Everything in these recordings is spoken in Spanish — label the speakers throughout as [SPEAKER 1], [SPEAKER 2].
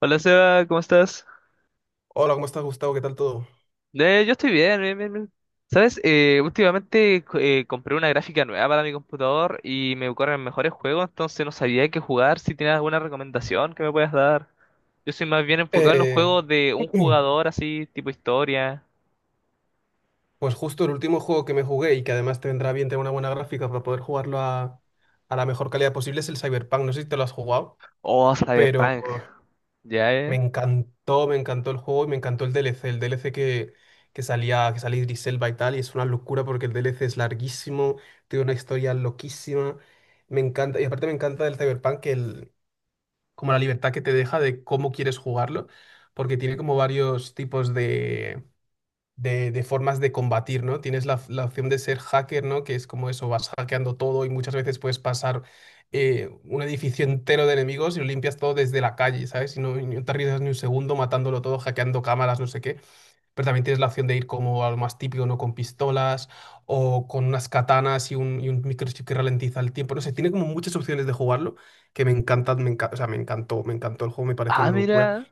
[SPEAKER 1] Hola Seba, ¿cómo estás?
[SPEAKER 2] Hola, ¿cómo estás, Gustavo? ¿Qué tal todo?
[SPEAKER 1] Yo estoy bien. ¿Sabes? Últimamente compré una gráfica nueva para mi computador y me corren mejores juegos, entonces no sabía qué jugar. Si tienes alguna recomendación que me puedas dar. Yo soy más bien enfocado en los
[SPEAKER 2] Eh,
[SPEAKER 1] juegos de un jugador así, tipo historia.
[SPEAKER 2] pues justo el último juego que me jugué y que además te vendrá bien tener una buena gráfica para poder jugarlo a la mejor calidad posible es el Cyberpunk. No sé si te lo has jugado,
[SPEAKER 1] Oh,
[SPEAKER 2] pero
[SPEAKER 1] Cyberpunk. Ya,
[SPEAKER 2] me encantó el juego y me encantó el DLC. Que salía Idris Elba y tal, y es una locura porque el DLC es larguísimo, tiene una historia loquísima. Me encanta, y aparte me encanta del Cyberpunk como la libertad que te deja de cómo quieres jugarlo, porque tiene como varios tipos de formas de combatir, ¿no? Tienes la opción de ser hacker, ¿no? Que es como eso, vas hackeando todo y muchas veces puedes pasar un edificio entero de enemigos y lo limpias todo desde la calle, ¿sabes? Y no te arriesgas ni un segundo matándolo todo, hackeando cámaras, no sé qué. Pero también tienes la opción de ir como a lo más típico, ¿no? Con pistolas o con unas katanas y un microchip que ralentiza el tiempo. No sé, tiene como muchas opciones de jugarlo que me encantan, o sea, me encantó el juego, me pareció
[SPEAKER 1] Ah,
[SPEAKER 2] una locura.
[SPEAKER 1] mira.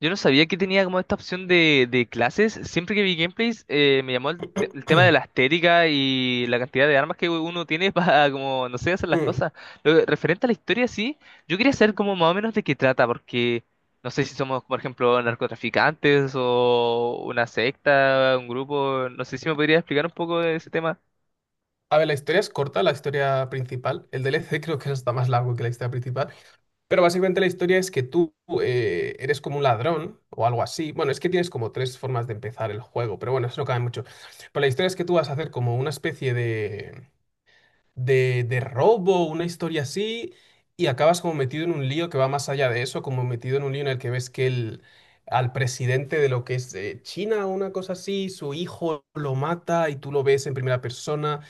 [SPEAKER 1] Yo no sabía que tenía como esta opción de clases. Siempre que vi gameplays, me llamó el tema de la estética y la cantidad de armas que uno tiene para, como, no sé, hacer las cosas. Referente a la historia, sí, yo quería saber como más o menos de qué trata, porque no sé si somos, por ejemplo, narcotraficantes o una secta, un grupo. No sé si me podría explicar un poco de ese tema.
[SPEAKER 2] A ver, la historia es corta, la historia principal. El DLC creo que es hasta más largo que la historia principal. Pero básicamente la historia es que tú eres como un ladrón o algo así. Bueno, es que tienes como tres formas de empezar el juego, pero bueno, eso no cabe mucho. Pero la historia es que tú vas a hacer como una especie de robo, una historia así, y acabas como metido en un lío que va más allá de eso, como metido en un lío en el que ves que al presidente de lo que es China o una cosa así, su hijo lo mata y tú lo ves en primera persona.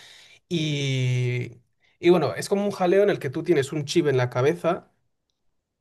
[SPEAKER 2] Y, y bueno, es como un jaleo en el que tú tienes un chip en la cabeza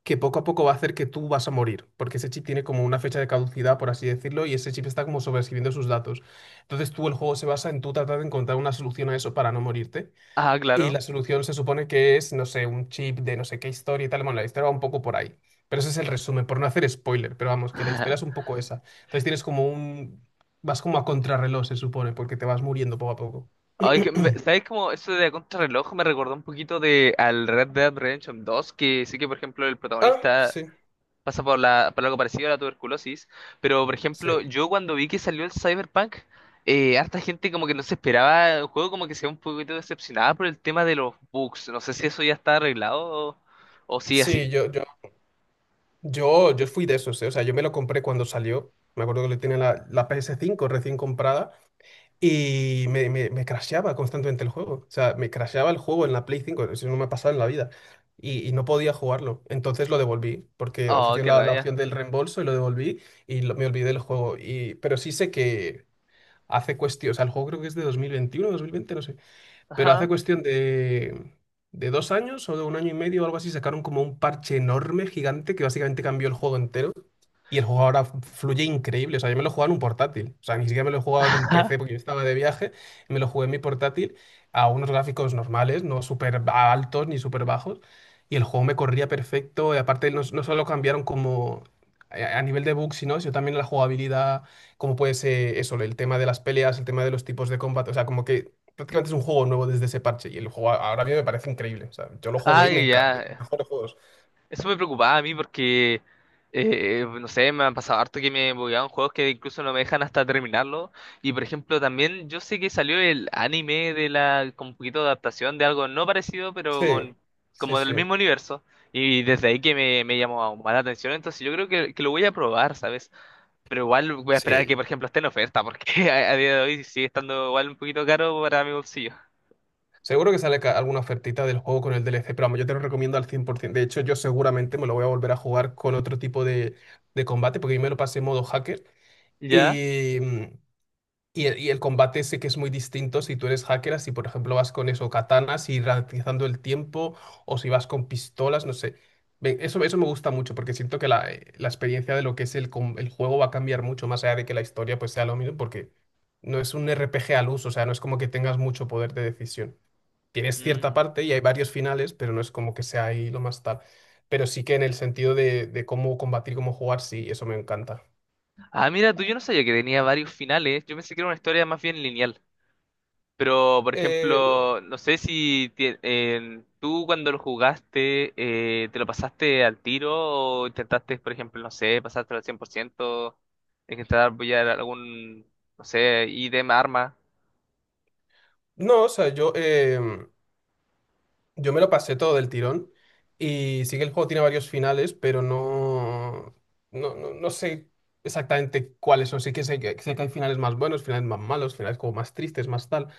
[SPEAKER 2] que poco a poco va a hacer que tú vas a morir, porque ese chip tiene como una fecha de caducidad, por así decirlo, y ese chip está como sobreescribiendo sus datos. Entonces tú el juego se basa en tú tratar de encontrar una solución a eso para no morirte.
[SPEAKER 1] Ah,
[SPEAKER 2] Y
[SPEAKER 1] claro.
[SPEAKER 2] la solución se supone que es, no sé, un chip de no sé qué historia y tal. Bueno, la historia va un poco por ahí. Pero ese es el resumen, por no hacer spoiler, pero vamos, que la historia es un poco esa. Entonces tienes como un... Vas como a contrarreloj, se supone, porque te vas muriendo poco a poco.
[SPEAKER 1] Ay, ¿sabes cómo eso de contrarreloj me recordó un poquito de al Red Dead Redemption 2? Que sí que, por ejemplo, el
[SPEAKER 2] Ah,
[SPEAKER 1] protagonista
[SPEAKER 2] sí.
[SPEAKER 1] pasa por por algo parecido a la tuberculosis, pero por
[SPEAKER 2] Sí,
[SPEAKER 1] ejemplo, yo cuando vi que salió el Cyberpunk, harta gente como que no se esperaba el juego, como que se ve un poquito decepcionada por el tema de los bugs. No sé si eso ya está arreglado o, o sigue así.
[SPEAKER 2] sí, yo fui de esos, ¿eh? O sea, yo me lo compré cuando salió. Me acuerdo que le tenía la PS5 recién comprada y me crasheaba constantemente el juego. O sea, me crasheaba el juego en la PS5, eso no me ha pasado en la vida. Y no podía jugarlo. Entonces lo devolví, porque
[SPEAKER 1] Oh,
[SPEAKER 2] ofrecían
[SPEAKER 1] qué
[SPEAKER 2] la
[SPEAKER 1] rabia.
[SPEAKER 2] opción del reembolso y lo devolví me olvidé del juego. Y, pero sí sé que hace cuestión, o sea, el juego creo que es de dos mil veintiuno, dos mil veinte, no sé. Pero hace
[SPEAKER 1] Ajá.
[SPEAKER 2] cuestión de dos años o de un año y medio o algo así, sacaron como un parche enorme, gigante, que básicamente cambió el juego entero. Y el juego ahora fluye increíble. O sea, yo me lo jugaba en un portátil. O sea, ni siquiera me lo he jugado en un PC porque yo estaba de viaje. Y me lo jugué en mi portátil a unos gráficos normales, no altos ni súper bajos. Y el juego me corría perfecto. Y aparte, no, no solo cambiaron como a nivel de bugs, sino también la jugabilidad, como puede ser eso, el tema de las peleas, el tema de los tipos de combate. O sea, como que prácticamente es un juego nuevo desde ese parche. Y el juego ahora mismo me parece increíble. O sea, yo lo jugué y me
[SPEAKER 1] Ay,
[SPEAKER 2] encanta. De los
[SPEAKER 1] ya.
[SPEAKER 2] mejores juegos.
[SPEAKER 1] Eso me preocupaba a mí porque, no sé, me han pasado harto que me bugueaban juegos que incluso no me dejan hasta terminarlo. Y por ejemplo, también yo sé que salió el anime de con un poquito de adaptación de algo no parecido, pero
[SPEAKER 2] Sí, sí,
[SPEAKER 1] como del
[SPEAKER 2] sí.
[SPEAKER 1] mismo universo. Y desde ahí que me llamó aún más la atención, entonces yo creo que lo voy a probar, ¿sabes? Pero igual voy a esperar a
[SPEAKER 2] Sí,
[SPEAKER 1] que, por ejemplo, esté en oferta, porque a día de hoy sigue estando igual un poquito caro para mi bolsillo.
[SPEAKER 2] seguro que sale alguna ofertita del juego con el DLC, pero vamos, yo te lo recomiendo al 100%. De hecho, yo seguramente me lo voy a volver a jugar con otro tipo de combate, porque yo me lo pasé en modo hacker.
[SPEAKER 1] ¿Ya?
[SPEAKER 2] Y, mm, y el combate sé que es muy distinto si tú eres hacker, si por ejemplo vas con eso, katanas y ralentizando el tiempo, o si vas con pistolas, no sé. Eso me gusta mucho, porque siento que la experiencia de lo que es el juego va a cambiar mucho, más allá de que la historia pues sea lo mismo, porque no es un RPG al uso, o sea, no es como que tengas mucho poder de decisión, tienes cierta
[SPEAKER 1] Mm.
[SPEAKER 2] parte y hay varios finales, pero no es como que sea ahí lo más tal. Pero sí que en el sentido de cómo combatir, cómo jugar, sí, eso me encanta.
[SPEAKER 1] Ah, mira, tú yo no sabía que tenía varios finales. Yo pensé que era una historia más bien lineal. Pero, por
[SPEAKER 2] No,
[SPEAKER 1] ejemplo, no sé si tú cuando lo jugaste, ¿te lo pasaste al tiro o intentaste, por ejemplo, no sé, pasártelo al 100% intentar apoyar algún, no sé, ítem, arma?
[SPEAKER 2] no, o sea, yo me lo pasé todo del tirón y sí que el juego tiene varios finales, pero no sé exactamente cuáles son. Sí que sé, que sé que hay finales más buenos, finales más malos, finales como más tristes, más tal.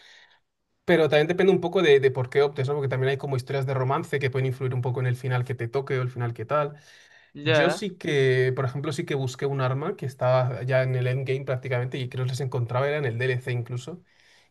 [SPEAKER 2] Pero también depende un poco de por qué optes, ¿no? Porque también hay como historias de romance que pueden influir un poco en el final que te toque o el final que tal. Yo
[SPEAKER 1] Ya.
[SPEAKER 2] sí que, por ejemplo, sí que busqué un arma que estaba ya en el endgame prácticamente y que no les encontraba, era en el DLC incluso,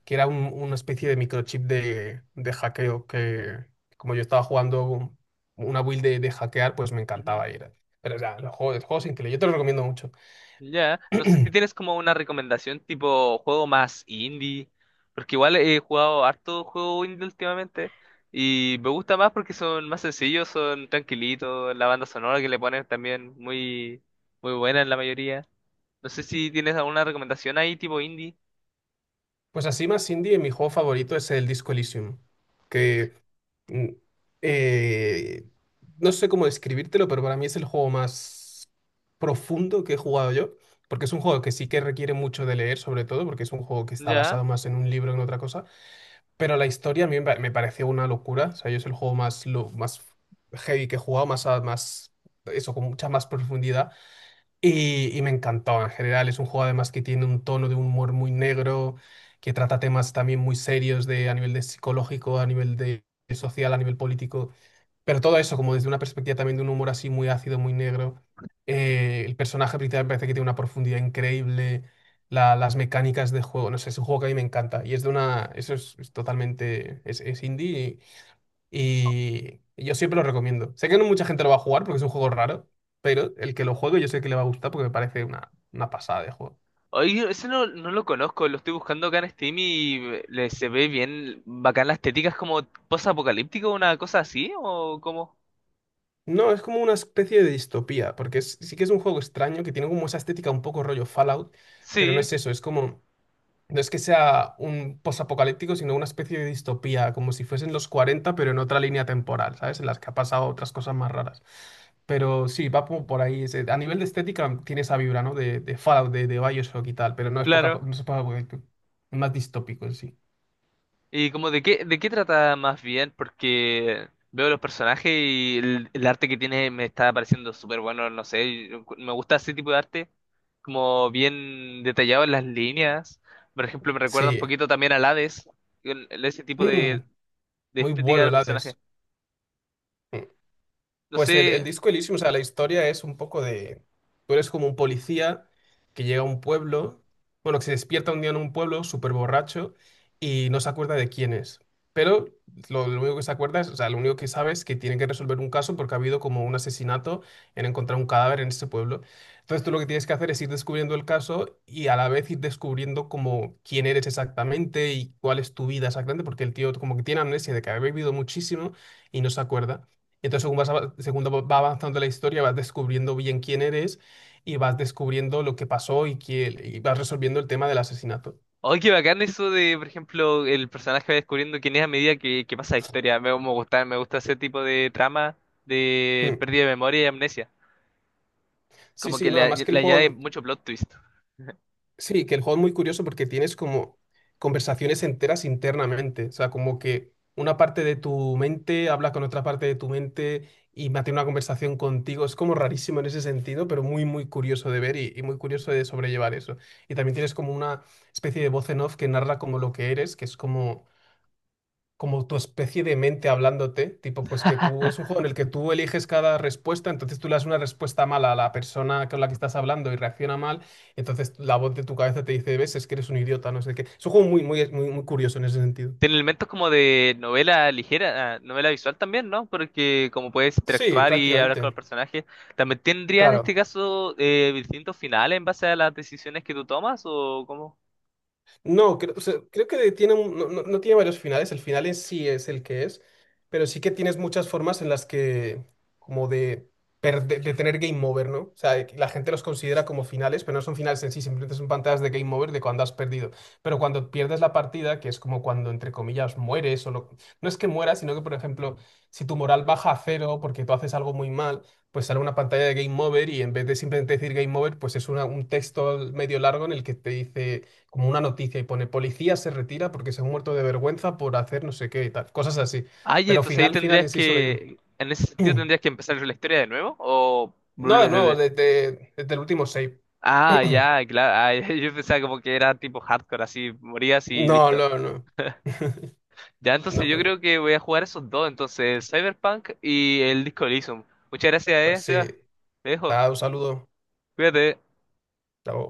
[SPEAKER 2] que era una especie de microchip de hackeo que, como yo estaba jugando una build de hackear, pues me encantaba ir. Pero ya, el juego es increíble, yo te lo recomiendo mucho.
[SPEAKER 1] Ya, no sé si tienes como una recomendación tipo juego más indie, porque igual he jugado harto juego indie últimamente y me gusta más porque son más sencillos, son tranquilitos, la banda sonora que le ponen también muy buena en la mayoría. No sé si tienes alguna recomendación ahí tipo indie.
[SPEAKER 2] Pues así más indie, mi juego favorito es el Disco Elysium, que Mm, eh, no sé cómo describírtelo, pero para mí es el juego más profundo que he jugado yo, porque es un juego que sí que requiere mucho de leer, sobre todo, porque es un juego que está
[SPEAKER 1] Ya.
[SPEAKER 2] basado más en un libro que en otra cosa, pero la historia a mí me pareció una locura, o sea, yo es el juego más, lo, más heavy que he jugado, más, más eso, con mucha más profundidad. Y me encantó en general. Es un juego además que tiene un tono de humor muy negro, que trata temas también muy serios de, a nivel de psicológico, a nivel de social, a nivel político. Pero todo eso como desde una perspectiva también de un humor así muy ácido, muy negro. El personaje principal me parece que tiene una profundidad increíble. Las mecánicas de juego, no sé, es un juego que a mí me encanta. Y es de una, eso es totalmente, es indie y yo siempre lo recomiendo. Sé que no mucha gente lo va a jugar porque es un juego raro, pero el que lo juegue yo sé que le va a gustar porque me parece una pasada de juego.
[SPEAKER 1] Oye, ese no lo conozco, lo estoy buscando acá en Steam y se ve bien bacán la estética, es como post-apocalíptico, una cosa así o como...
[SPEAKER 2] No, es como una especie de distopía, porque sí que es un juego extraño que tiene como esa estética un poco rollo Fallout, pero no
[SPEAKER 1] Sí,
[SPEAKER 2] es eso, es como no es que sea un posapocalíptico, sino una especie de distopía, como si fuesen los 40 pero en otra línea temporal, ¿sabes? En las que ha pasado otras cosas más raras. Pero sí, va como por ahí. A nivel de estética tiene esa vibra, ¿no? De Fallout, de Bioshock y tal, pero
[SPEAKER 1] claro.
[SPEAKER 2] no es poca- es más distópico en sí.
[SPEAKER 1] ¿Y como de qué trata más bien? Porque veo los personajes y el arte que tiene me está pareciendo súper bueno, no sé, yo me gusta ese tipo de arte, como bien detallado en las líneas. Por ejemplo, me recuerda un
[SPEAKER 2] Sí.
[SPEAKER 1] poquito también al Hades, con ese tipo
[SPEAKER 2] Mm,
[SPEAKER 1] de
[SPEAKER 2] muy
[SPEAKER 1] estética de
[SPEAKER 2] bueno
[SPEAKER 1] los
[SPEAKER 2] el
[SPEAKER 1] personajes.
[SPEAKER 2] Hades.
[SPEAKER 1] No
[SPEAKER 2] Pues
[SPEAKER 1] sé.
[SPEAKER 2] el disco Elysium, o sea, la historia es un poco de... Tú eres como un policía que llega a un pueblo, bueno, que se despierta un día en un pueblo súper borracho y no se acuerda de quién es. Pero lo único que se acuerda es, o sea, lo único que sabe es que tiene que resolver un caso porque ha habido como un asesinato en encontrar un cadáver en ese pueblo. Entonces tú lo que tienes que hacer es ir descubriendo el caso y a la vez ir descubriendo como quién eres exactamente y cuál es tu vida exactamente, porque el tío como que tiene amnesia de que ha bebido muchísimo y no se acuerda. Entonces, según va avanzando la historia, vas descubriendo bien quién eres y vas descubriendo lo que pasó y, y vas resolviendo el tema del asesinato.
[SPEAKER 1] ¡Ay, qué bacán eso de, por ejemplo, el personaje va descubriendo quién es a medida que pasa la historia! Me gusta ese tipo de trama de
[SPEAKER 2] Mm.
[SPEAKER 1] pérdida de memoria y amnesia.
[SPEAKER 2] Sí,
[SPEAKER 1] Como
[SPEAKER 2] sí,
[SPEAKER 1] que
[SPEAKER 2] no, además que el
[SPEAKER 1] le añade
[SPEAKER 2] juego,
[SPEAKER 1] mucho plot twist.
[SPEAKER 2] sí, que el juego es muy curioso porque tienes como conversaciones enteras internamente, o sea, como que una parte de tu mente habla con otra parte de tu mente y mantiene una conversación contigo. Es como rarísimo en ese sentido, pero muy, muy curioso de ver y muy curioso de sobrellevar eso. Y también tienes como una especie de voz en off que narra como lo que eres, que es como tu especie de mente hablándote, tipo, pues que tú, es un juego en el que tú eliges cada respuesta, entonces tú le das una respuesta mala a la persona con la que estás hablando y reacciona mal, entonces la voz de tu cabeza te dice, ves, es que eres un idiota, no sé qué. Es un juego muy curioso en ese sentido.
[SPEAKER 1] Tiene elementos como de novela ligera, ah, novela visual también, ¿no? Porque como puedes
[SPEAKER 2] Sí,
[SPEAKER 1] interactuar y hablar con los
[SPEAKER 2] prácticamente,
[SPEAKER 1] personajes, ¿también tendría en
[SPEAKER 2] claro.
[SPEAKER 1] este caso distintos finales en base a las decisiones que tú tomas o cómo?
[SPEAKER 2] No, creo, o sea, creo que tiene no tiene varios finales, el final en sí es el que es, pero sí que tienes muchas formas en las que, como de, de tener game over, ¿no? O sea, de que la gente los considera como finales, pero no son finales en sí, simplemente son pantallas de game over de cuando has perdido. Pero cuando pierdes la partida, que es como cuando, entre comillas, mueres, no es que mueras, sino que, por ejemplo, si tu moral baja a 0 porque tú haces algo muy mal, pues sale una pantalla de game over y en vez de simplemente decir game over, pues es un texto medio largo en el que te dice como una noticia y pone policía se retira porque se ha muerto de vergüenza por hacer no sé qué y tal, cosas así.
[SPEAKER 1] Ay,
[SPEAKER 2] Pero
[SPEAKER 1] entonces ahí
[SPEAKER 2] final, final
[SPEAKER 1] tendrías
[SPEAKER 2] en sí solo hay uno.
[SPEAKER 1] que, en ese sentido tendrías que empezar la historia de nuevo o
[SPEAKER 2] No, de
[SPEAKER 1] vuelves desde...
[SPEAKER 2] nuevo, desde el último save.
[SPEAKER 1] Ah, ya, claro, ah, yo pensaba como que era tipo hardcore, así morías y
[SPEAKER 2] No,
[SPEAKER 1] listo.
[SPEAKER 2] no, no.
[SPEAKER 1] Ya, entonces
[SPEAKER 2] No,
[SPEAKER 1] yo
[SPEAKER 2] pues no.
[SPEAKER 1] creo que voy a jugar esos dos, entonces Cyberpunk y el Disco Elysium. Muchas gracias,
[SPEAKER 2] Pues sí.
[SPEAKER 1] Seba. Te dejo.
[SPEAKER 2] Da un saludo.
[SPEAKER 1] Cuídate.
[SPEAKER 2] Chao.